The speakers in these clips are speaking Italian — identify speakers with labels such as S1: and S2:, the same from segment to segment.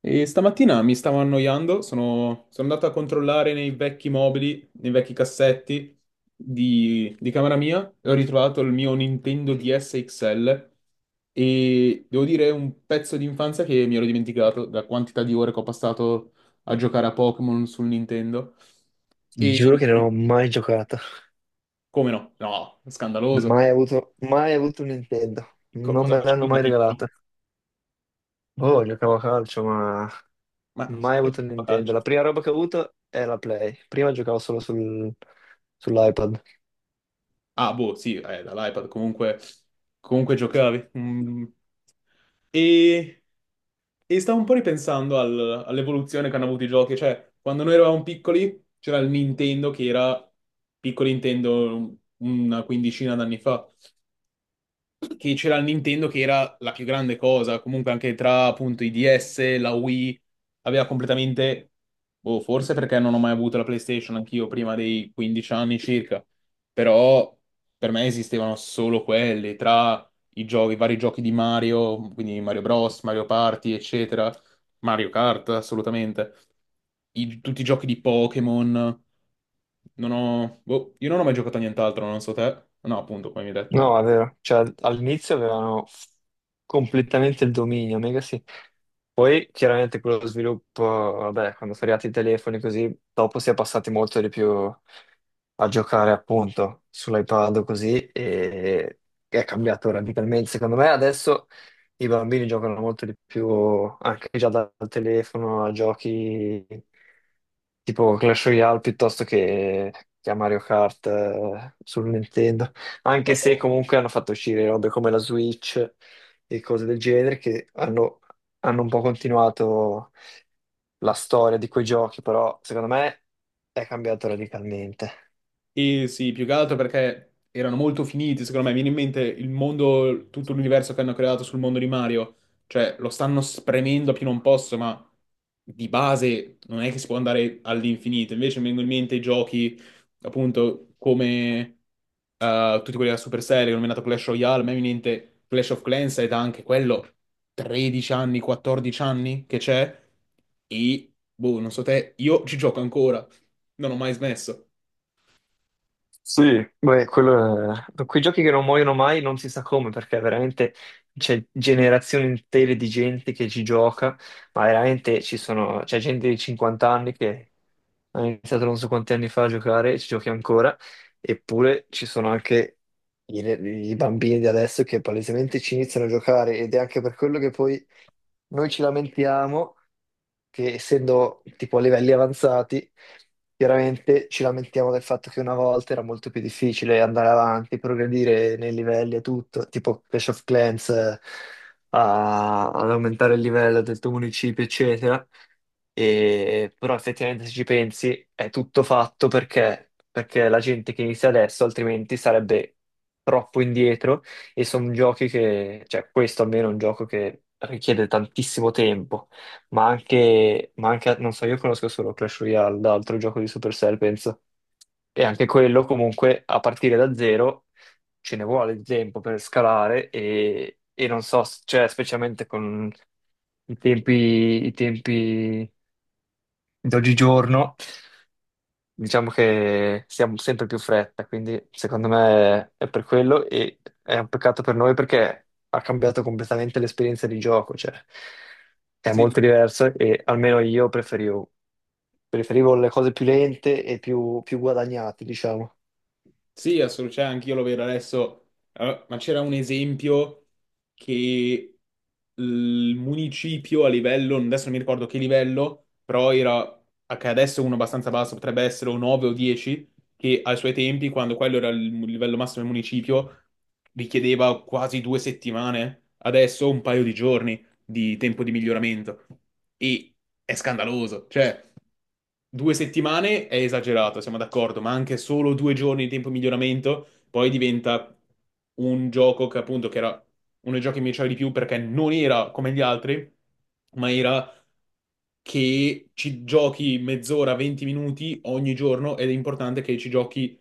S1: E stamattina mi stavo annoiando, sono andato a controllare nei vecchi mobili, nei vecchi cassetti di camera mia e ho ritrovato il mio Nintendo DS XL e devo dire è un pezzo di infanzia che mi ero dimenticato da quantità di ore che ho passato a giocare a Pokémon sul Nintendo.
S2: Ti
S1: E
S2: giuro che non ho mai giocato,
S1: come no? No, scandaloso.
S2: mai avuto, mai avuto un Nintendo,
S1: Co-
S2: non
S1: cosa
S2: me l'hanno
S1: facevi da
S2: mai
S1: piccolo?
S2: regalata. Oh, giocavo a calcio, ma
S1: Ma
S2: mai avuto un
S1: a
S2: Nintendo.
S1: calcio.
S2: La prima roba che ho avuto è la Play. Prima giocavo solo sul- sull'iPad.
S1: Ah, boh, sì, dall'iPad comunque, comunque giocavi. Mm. E, e stavo un po' ripensando all'evoluzione che hanno avuto i giochi, cioè quando noi eravamo piccoli c'era il Nintendo che era piccolo Nintendo una quindicina d'anni fa, che c'era la Nintendo che era la più grande cosa, comunque anche tra appunto i DS, la Wii, aveva completamente, boh, forse perché non ho mai avuto la PlayStation anch'io prima dei 15 anni circa, però per me esistevano solo quelli, tra i giochi, i vari giochi di Mario, quindi Mario Bros, Mario Party, eccetera, Mario Kart, assolutamente, tutti i giochi di Pokémon, non ho, boh, io non ho mai giocato a nient'altro, non so te, no appunto, come mi hai detto,
S2: No, è vero. Cioè, all'inizio avevano f- completamente il dominio, mega sì. Poi chiaramente quello sviluppo, vabbè, quando sono arrivati i telefoni così, dopo si è passati molto di più a giocare appunto sull'iPad o così e è cambiato radicalmente. Secondo me adesso i bambini giocano molto di più anche già dal telefono a giochi tipo Clash Royale piuttosto che a Mario Kart sul Nintendo. Anche se
S1: no.
S2: comunque hanno fatto uscire robe come la Switch e cose del genere che hanno, hanno un po' continuato la storia di quei giochi, però secondo me è cambiato radicalmente.
S1: E sì, più che altro perché erano molto finiti, secondo me. Viene in mente il mondo, tutto l'universo che hanno creato sul mondo di Mario. Cioè, lo stanno spremendo a più non posso, ma di base non è che si può andare all'infinito. Invece mi vengono in mente i giochi, appunto, come tutti quelli della Supercell, che ho nominato Clash Royale. A me viene in mente Clash of Clans ed anche quello 13 anni, 14 anni che c'è. E, boh, non so te, io ci gioco ancora. Non ho mai smesso.
S2: Sì, beh, quello è quei giochi che non muoiono mai non si sa come, perché veramente c'è generazioni intere di gente che ci gioca, ma veramente ci sono, c'è gente di 50 anni che ha iniziato non so quanti anni fa a giocare e ci giochi ancora, eppure ci sono anche i, i bambini di adesso che palesemente ci iniziano a giocare ed è anche per quello che poi noi ci lamentiamo che essendo tipo a livelli avanzati, chiaramente ci lamentiamo del fatto che una volta era molto più difficile andare avanti, progredire nei livelli e tutto, tipo Clash of Clans, a- ad aumentare il livello del tuo municipio, eccetera. E- però effettivamente se ci pensi è tutto fatto perché, perché la gente che inizia adesso altrimenti sarebbe troppo indietro e sono giochi che, cioè questo almeno è un gioco che richiede tantissimo tempo ma anche- non so, io conosco solo Clash Royale, l'altro gioco di Supercell, penso. E anche quello comunque a partire da zero ce ne vuole di tempo per scalare e non so, s- cioè specialmente con i tempi, i tempi d'oggigiorno, diciamo che siamo sempre più fretta, quindi secondo me è per quello e è un peccato per noi perché ha cambiato completamente l'esperienza di gioco, cioè è
S1: Sì.
S2: molto diverso e almeno io preferivo preferivo le cose più lente e più, più guadagnate, diciamo.
S1: Sì, assolutamente, cioè, anch'io lo vedo adesso. Ma c'era un esempio che il municipio a livello, adesso non mi ricordo che livello, però era, che adesso è uno abbastanza basso, potrebbe essere un 9 o 10, che ai suoi tempi, quando quello era il livello massimo del municipio, richiedeva quasi 2 settimane, adesso un paio di giorni di tempo di miglioramento. E è scandaloso. Cioè, due settimane è esagerato, siamo d'accordo, ma anche solo 2 giorni di tempo di miglioramento, poi diventa un gioco che appunto che era uno dei giochi che mi piaceva di più perché non era come gli altri, ma era che ci giochi mezz'ora, 20 minuti ogni giorno ed è importante che ci giochi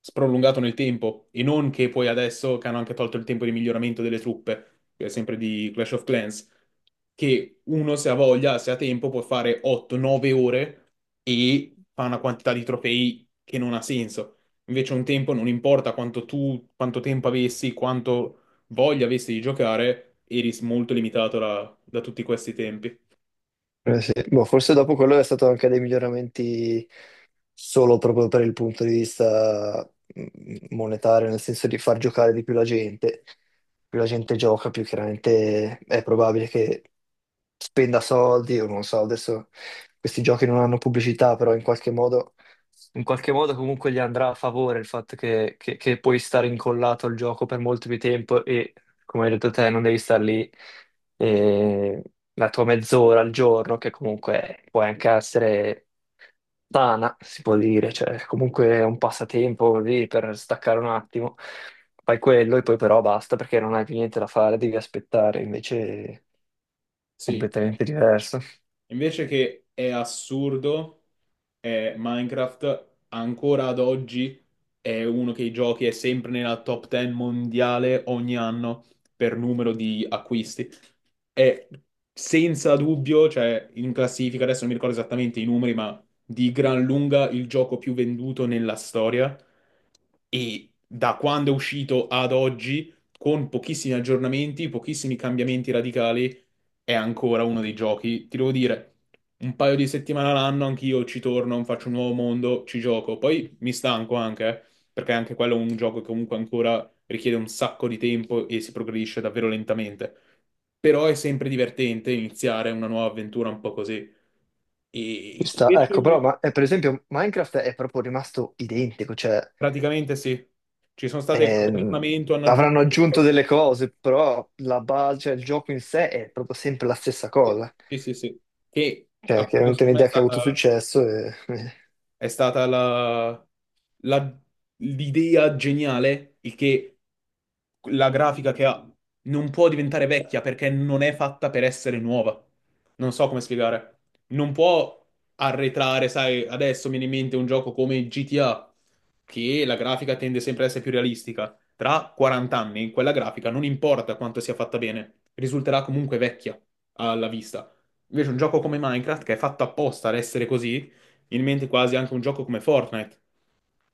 S1: sprolungato nel tempo e non che poi adesso che hanno anche tolto il tempo di miglioramento delle truppe, che è sempre di Clash of Clans, che uno se ha voglia, se ha tempo, può fare 8-9 ore e fa una quantità di trofei che non ha senso. Invece un tempo non importa quanto tu, quanto tempo avessi, quanto voglia avessi di giocare, eri molto limitato da tutti questi tempi.
S2: Eh sì. Boh, forse dopo quello è stato anche dei miglioramenti solo proprio per il punto di vista mm, monetario, nel senso di far giocare di più la gente. Più la gente gioca, più chiaramente è probabile che spenda soldi, o non so, adesso questi giochi non hanno pubblicità, però in qualche modo comunque gli andrà a favore il fatto che puoi stare incollato al gioco per molto più tempo e, come hai detto te, non devi star lì eh, la tua mezz'ora al giorno, che comunque può anche essere sana, si può dire, cioè comunque è un passatempo così per staccare un attimo. Fai quello e poi però basta perché non hai più niente da fare, devi aspettare, invece è
S1: Sì.
S2: completamente diverso.
S1: Invece che è assurdo, è Minecraft ancora ad oggi, è uno che i giochi è sempre nella top 10 mondiale ogni anno per numero di acquisti. È senza dubbio, cioè in classifica, adesso non mi ricordo esattamente i numeri, ma di gran lunga il gioco più venduto nella storia. E da quando è uscito ad oggi, con pochissimi aggiornamenti, pochissimi cambiamenti radicali, è ancora uno dei giochi, ti devo dire, un paio di settimane all'anno anch'io ci torno, faccio un nuovo mondo, ci gioco. Poi mi stanco anche, perché anche quello è un gioco che comunque ancora richiede un sacco di tempo e si progredisce davvero lentamente. Però è sempre divertente iniziare una nuova avventura un po' così. E
S2: Ci
S1: ti
S2: sta, ecco,
S1: piace?
S2: però ma, per esempio Minecraft è proprio rimasto identico, cioè
S1: Praticamente sì. Ci sono state qualche
S2: ehm,
S1: aggiornamento, hanno
S2: avranno
S1: aggiunto...
S2: aggiunto delle cose, però la base, cioè, il gioco in sé è proprio sempre la stessa cosa.
S1: Sì, sì, sì. Che
S2: Cioè,
S1: appunto
S2: chiaramente è
S1: secondo me è
S2: un'idea che ha avuto
S1: stata...
S2: successo
S1: È stata la- l'idea geniale, il che la grafica che ha non può diventare vecchia perché non è fatta per essere nuova. Non so come spiegare. Non può arretrare, sai, adesso mi viene in mente un gioco come GTA, che la grafica tende sempre ad essere più realistica. Tra 40 anni, quella grafica non importa quanto sia fatta bene, risulterà comunque vecchia alla vista. Invece un gioco come Minecraft, che è fatto apposta ad essere così, in mente quasi anche un gioco come Fortnite,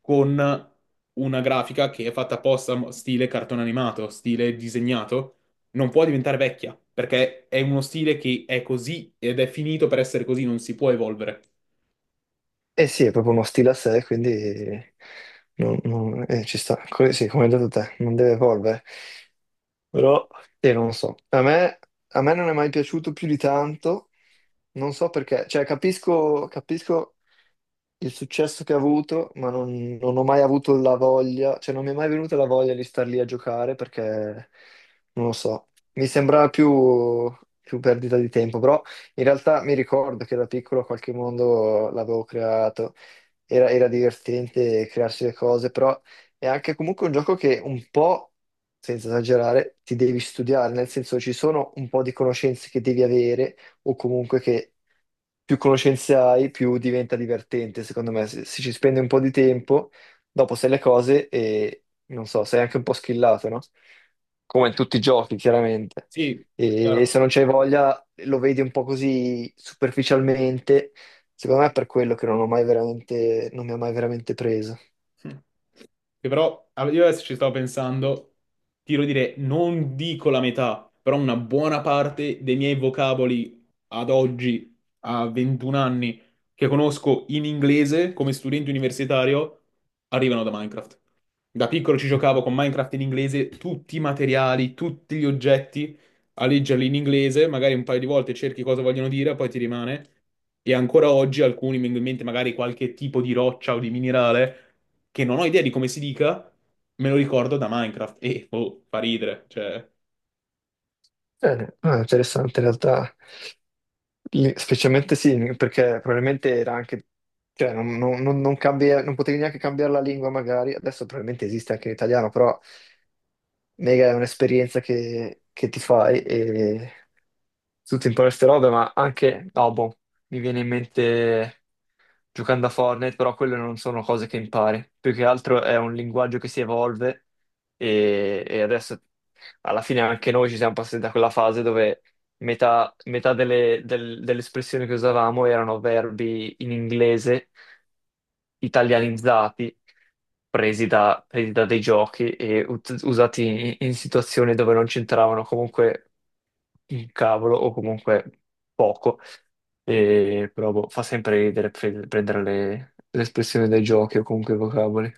S1: con una grafica che è fatta apposta stile cartone animato, stile disegnato, non può diventare vecchia, perché è uno stile che è così ed è finito per essere così, non si può evolvere.
S2: e sì, è proprio uno stile a sé, quindi non- non- ci sta. Co- sì, come hai detto te, non deve evolvere. Però, non so, a me non è mai piaciuto più di tanto, non so perché, cioè capisco, capisco il successo che ha avuto, ma non, non ho mai avuto la voglia, cioè non mi è mai venuta la voglia di star lì a giocare perché non lo so, mi sembrava più, più perdita di tempo, però in realtà mi ricordo che da piccolo qualche mondo l'avevo creato, era, era divertente crearsi le cose, però è anche comunque un gioco che un po', senza esagerare, ti devi studiare, nel senso ci sono un po' di conoscenze che devi avere o comunque che più conoscenze hai, più diventa divertente, secondo me. Se ci spendi un po' di tempo, dopo sai le cose e, non so, sei anche un po' schillato, no? Come in tutti i giochi, chiaramente.
S1: Sì,
S2: E
S1: chiaro.
S2: se non c'hai voglia, lo vedi un po' così superficialmente. Secondo me è per quello che non ho mai veramente, non mi ha mai veramente preso.
S1: Che però ah, io adesso ci stavo pensando, ti devo dire, non dico la metà, però una buona parte dei miei vocaboli ad oggi, a 21 anni, che conosco in inglese come studente universitario, arrivano da Minecraft. Da piccolo ci giocavo con Minecraft in inglese, tutti i materiali, tutti gli oggetti, a leggerli in inglese, magari un paio di volte cerchi cosa vogliono dire, poi ti rimane. E ancora oggi alcuni mi vengono in mente magari qualche tipo di roccia o di minerale che non ho idea di come si dica, me lo ricordo da Minecraft e oh, fa ridere, cioè
S2: Bene, ah, interessante in realtà. Lì- Specialmente sì, perché probabilmente era anche, cioè non, non- non- non cambia- non potevi neanche cambiare la lingua magari, adesso probabilmente esiste anche in italiano, però mega è un'esperienza che ti fai e tu ti impari queste robe, ma anche, no, boh, mi viene in mente giocando a Fortnite, però quelle non sono cose che impari. Più che altro è un linguaggio che si evolve e adesso alla fine anche noi ci siamo passati da quella fase dove metà delle, del- delle espressioni che usavamo erano verbi in inglese italianizzati, presi da dei giochi e ut- usati in, in situazioni dove non c'entravano comunque il cavolo o comunque poco, e, però boh, fa sempre ridere pre- prendere le espressioni dai giochi o comunque i vocaboli.